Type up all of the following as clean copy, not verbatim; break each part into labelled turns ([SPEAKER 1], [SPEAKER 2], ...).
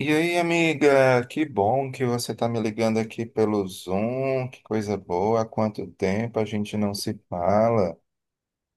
[SPEAKER 1] E aí, amiga, que bom que você está me ligando aqui pelo Zoom, que coisa boa, há quanto tempo a gente não se fala.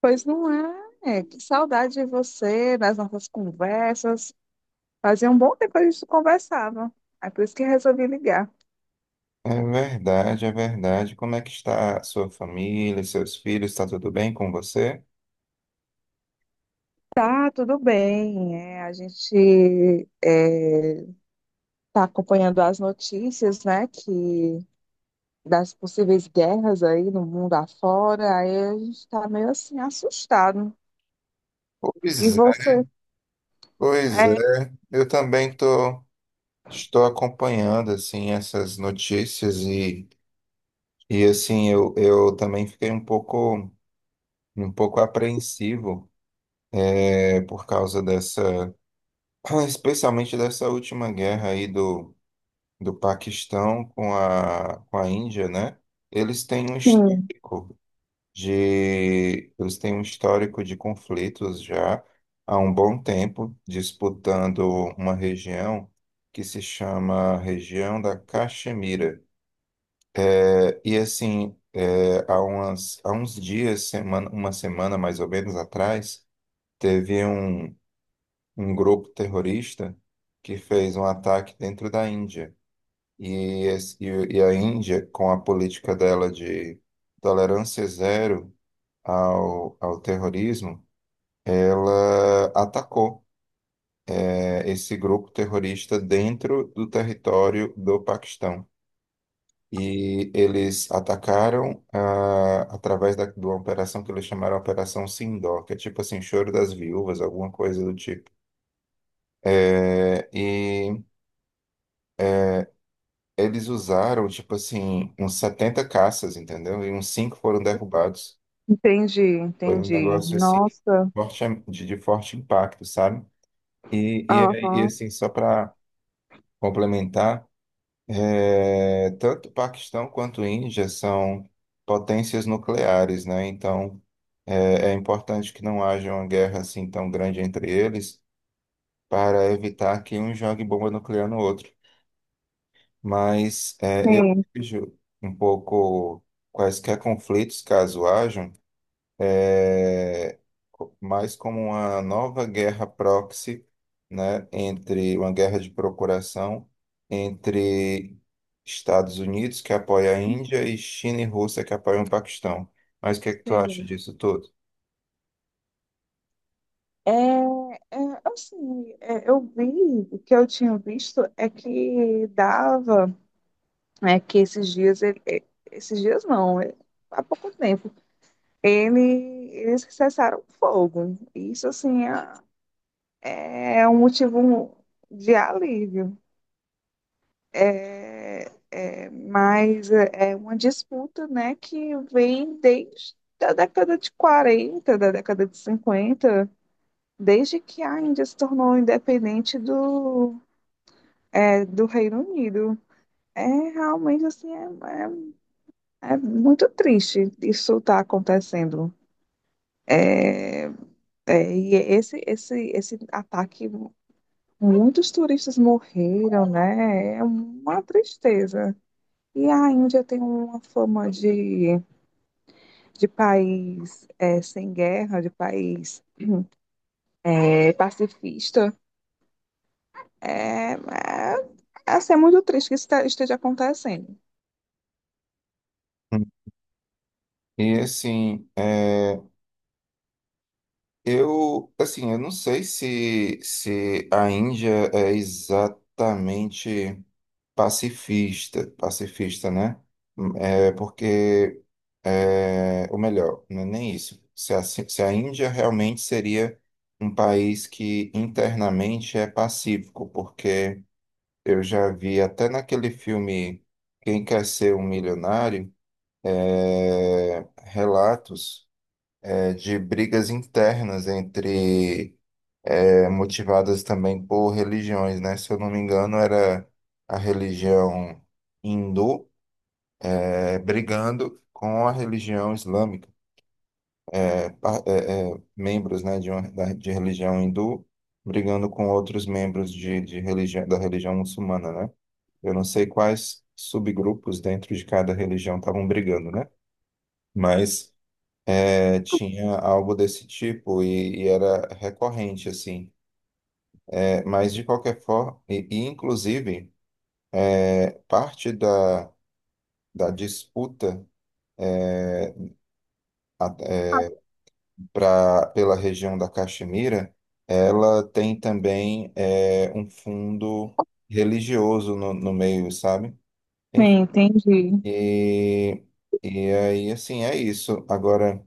[SPEAKER 2] Pois não é? É. Que saudade de você, das nossas conversas. Fazia um bom tempo que a gente não conversava. É por isso que resolvi ligar.
[SPEAKER 1] É verdade, é verdade. Como é que está a sua família, seus filhos, está tudo bem com você?
[SPEAKER 2] Tá, tudo bem. A gente está acompanhando as notícias, né, que das possíveis guerras aí no mundo afora. Aí a gente está meio assim assustado. E
[SPEAKER 1] Pois é,
[SPEAKER 2] você?
[SPEAKER 1] pois
[SPEAKER 2] É,
[SPEAKER 1] é. Eu também tô, estou acompanhando, assim, essas notícias, assim, eu também fiquei um pouco apreensivo, por causa dessa, especialmente dessa última guerra aí do Paquistão com a Índia, né? Eles têm um
[SPEAKER 2] sim,
[SPEAKER 1] histórico eles têm um histórico de conflitos já há um bom tempo, disputando uma região que se chama região da Caxemira. E assim, há uns dias, semana, uma semana mais ou menos atrás, teve um grupo terrorista que fez um ataque dentro da Índia. E a Índia, com a política dela de tolerância zero ao terrorismo, ela atacou esse grupo terrorista dentro do território do Paquistão. E eles atacaram através de uma operação que eles chamaram Operação Sindor, que é tipo assim, Choro das Viúvas, alguma coisa do tipo. E eles usaram, tipo assim, uns 70 caças, entendeu? E uns cinco foram derrubados.
[SPEAKER 2] entendi,
[SPEAKER 1] Foi um
[SPEAKER 2] entendi.
[SPEAKER 1] negócio assim,
[SPEAKER 2] Nossa,
[SPEAKER 1] forte, de forte impacto, sabe?
[SPEAKER 2] aham,
[SPEAKER 1] Assim, só para complementar, tanto Paquistão quanto Índia são potências nucleares, né? Então, é importante que não haja uma guerra assim tão grande entre eles para evitar que um jogue bomba nuclear no outro. Mas eu
[SPEAKER 2] sim,
[SPEAKER 1] vejo um pouco quaisquer conflitos, caso hajam. é, mais como uma nova guerra proxy, né, entre uma guerra de procuração entre Estados Unidos, que apoia a Índia, e China e Rússia, que apoiam o Paquistão. Mas o que é que tu acha
[SPEAKER 2] sim.
[SPEAKER 1] disso tudo?
[SPEAKER 2] É, é, assim, eu vi, o que eu tinha visto é que dava, é que esses dias, esses dias não, há pouco tempo, ele, eles cessaram o fogo. Isso, assim, é um motivo de alívio. É, mas é uma disputa, né, que vem desde a década de 40 da década de 50, desde que a Índia se tornou independente do Reino Unido. É realmente assim, é muito triste isso estar acontecendo. É, e esse ataque, muitos turistas morreram, né? É uma tristeza. E a Índia tem uma fama de, país, sem guerra, de país, pacifista. É, é, assim, é muito triste que isso esteja acontecendo.
[SPEAKER 1] Hum. E assim, eu, assim, eu não sei se a Índia é exatamente pacifista, pacifista, né? É porque, ou melhor, não é nem isso. Se a Índia realmente seria um país que internamente é pacífico, porque eu já vi até naquele filme Quem Quer Ser um Milionário, relatos, de brigas internas entre, motivadas também por religiões, né? Se eu não me engano, era a religião hindu brigando com a religião islâmica, membros, né, de religião hindu brigando com outros membros de religião, da religião muçulmana, né? Eu não sei quais subgrupos dentro de cada religião estavam brigando, né? Mas tinha algo desse tipo e era recorrente, assim. É, mas, de qualquer forma, inclusive, parte da, da disputa é, pela região da Caxemira, ela tem também um fundo religioso no meio, sabe?
[SPEAKER 2] Sim,
[SPEAKER 1] Enfim,
[SPEAKER 2] entendi.
[SPEAKER 1] E, e aí, assim, é isso. Agora,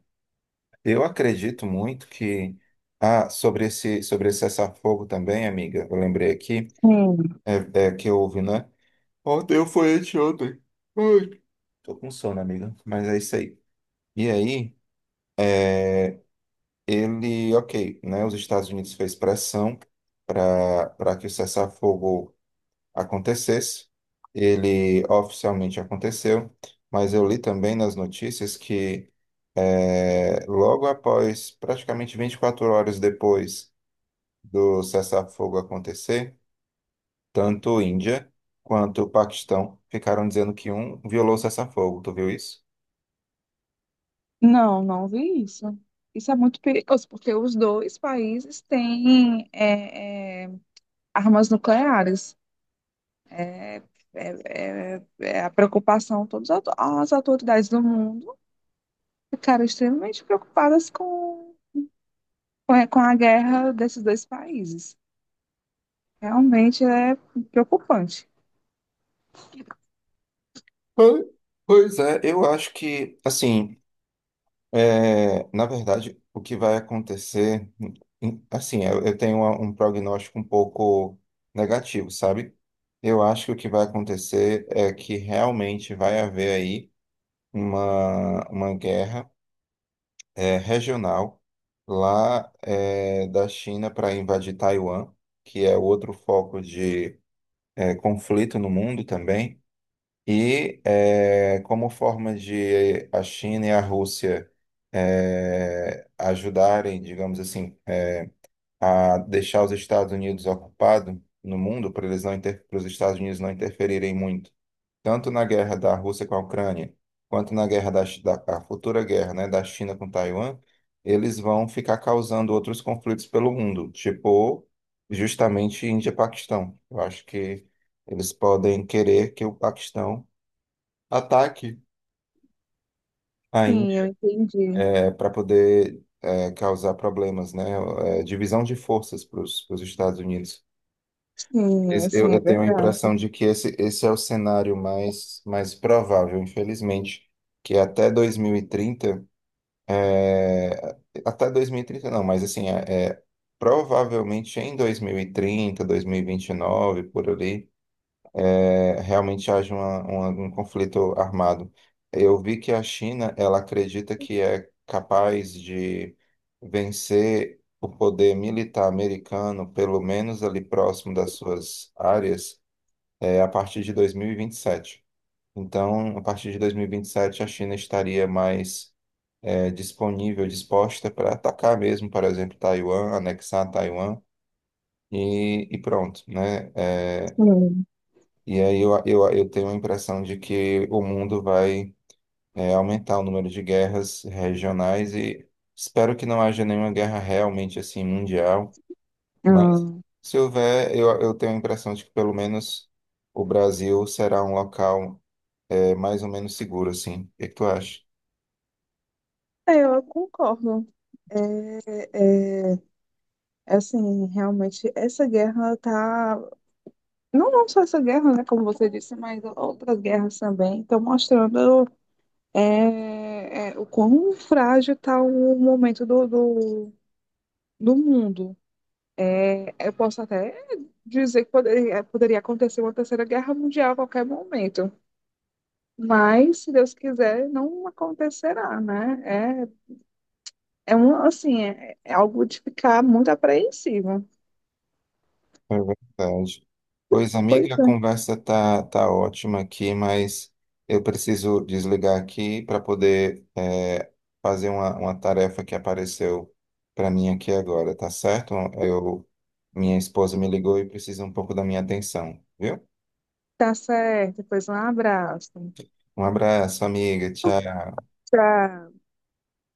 [SPEAKER 1] eu acredito muito que. Ah, sobre esse cessar-fogo também, amiga, eu lembrei aqui,
[SPEAKER 2] Sim.
[SPEAKER 1] é, que houve, né? Ontem foi anteontem. Ai, tô com sono, amiga, mas é isso aí. E aí. Ele, ok, né, os Estados Unidos fez pressão para que o cessar-fogo acontecesse. Ele oficialmente aconteceu, mas eu li também nas notícias que logo após, praticamente 24 horas depois do cessar-fogo acontecer, tanto Índia quanto o Paquistão ficaram dizendo que um violou o cessar-fogo. Tu viu isso?
[SPEAKER 2] Não, não vi isso. Isso é muito perigoso, porque os dois países têm, armas nucleares. É, é a preocupação. Todas as autoridades do mundo ficaram extremamente preocupadas com a guerra desses dois países. Realmente é preocupante.
[SPEAKER 1] Pois pois é, eu acho que, assim, É, na verdade, o que vai acontecer, assim, eu tenho um prognóstico um pouco negativo, sabe? Eu acho que o que vai acontecer é que realmente vai haver aí uma guerra, regional lá, da China para invadir Taiwan, que é outro foco de, conflito no mundo também. Como forma de a China e a Rússia ajudarem, digamos assim, a deixar os Estados Unidos ocupados no mundo, para eles não inter... para os Estados Unidos não interferirem muito, tanto na guerra da Rússia com a Ucrânia, quanto na guerra da, Chi- da a futura guerra, né, da China com Taiwan, eles vão ficar causando outros conflitos pelo mundo, tipo justamente Índia e Paquistão. Eu acho que eles podem querer que o Paquistão ataque à
[SPEAKER 2] Sim, eu
[SPEAKER 1] Índia
[SPEAKER 2] entendi.
[SPEAKER 1] para poder causar problemas, né? É, divisão de forças para os Estados Unidos.
[SPEAKER 2] Sim, assim,
[SPEAKER 1] Eu
[SPEAKER 2] é
[SPEAKER 1] tenho a
[SPEAKER 2] verdade.
[SPEAKER 1] impressão de que esse é o cenário mais, mais provável, infelizmente, que até 2030, é, até 2030 não, mas assim, provavelmente em 2030, 2029, por ali, É, realmente haja um conflito armado. Eu vi que a China, ela acredita que é capaz de vencer o poder militar americano, pelo menos ali próximo das suas áreas, a partir de dois mil e vinte e sete. Então, a partir de dois mil e vinte e sete a China estaria mais disposta para atacar mesmo, por exemplo, Taiwan, anexar Taiwan e pronto, né? É,
[SPEAKER 2] Sim.
[SPEAKER 1] e aí eu tenho a impressão de que o mundo vai aumentar o número de guerras regionais e espero que não haja nenhuma guerra realmente assim mundial,
[SPEAKER 2] Ah,
[SPEAKER 1] mas se houver, eu tenho a impressão de que pelo menos o Brasil será um local mais ou menos seguro, assim. O que que tu acha?
[SPEAKER 2] é, eu concordo. É, assim, realmente, essa guerra tá não, não só essa guerra, né, como você disse, mas outras guerras também estão mostrando, o quão frágil está o momento do mundo. Eu posso até dizer que poderia acontecer uma terceira guerra mundial a qualquer momento, mas se Deus quiser, não acontecerá, né? Assim, é algo de ficar muito apreensivo.
[SPEAKER 1] É verdade. Pois,
[SPEAKER 2] Pois
[SPEAKER 1] amiga, a
[SPEAKER 2] é,
[SPEAKER 1] conversa tá, tá ótima aqui, mas eu preciso desligar aqui para poder fazer uma tarefa que apareceu para mim aqui agora, tá certo? Eu, minha esposa me ligou e precisa um pouco da minha atenção, viu?
[SPEAKER 2] tá certo. Pois um abraço.
[SPEAKER 1] Um abraço, amiga. Tchau.
[SPEAKER 2] Tchau.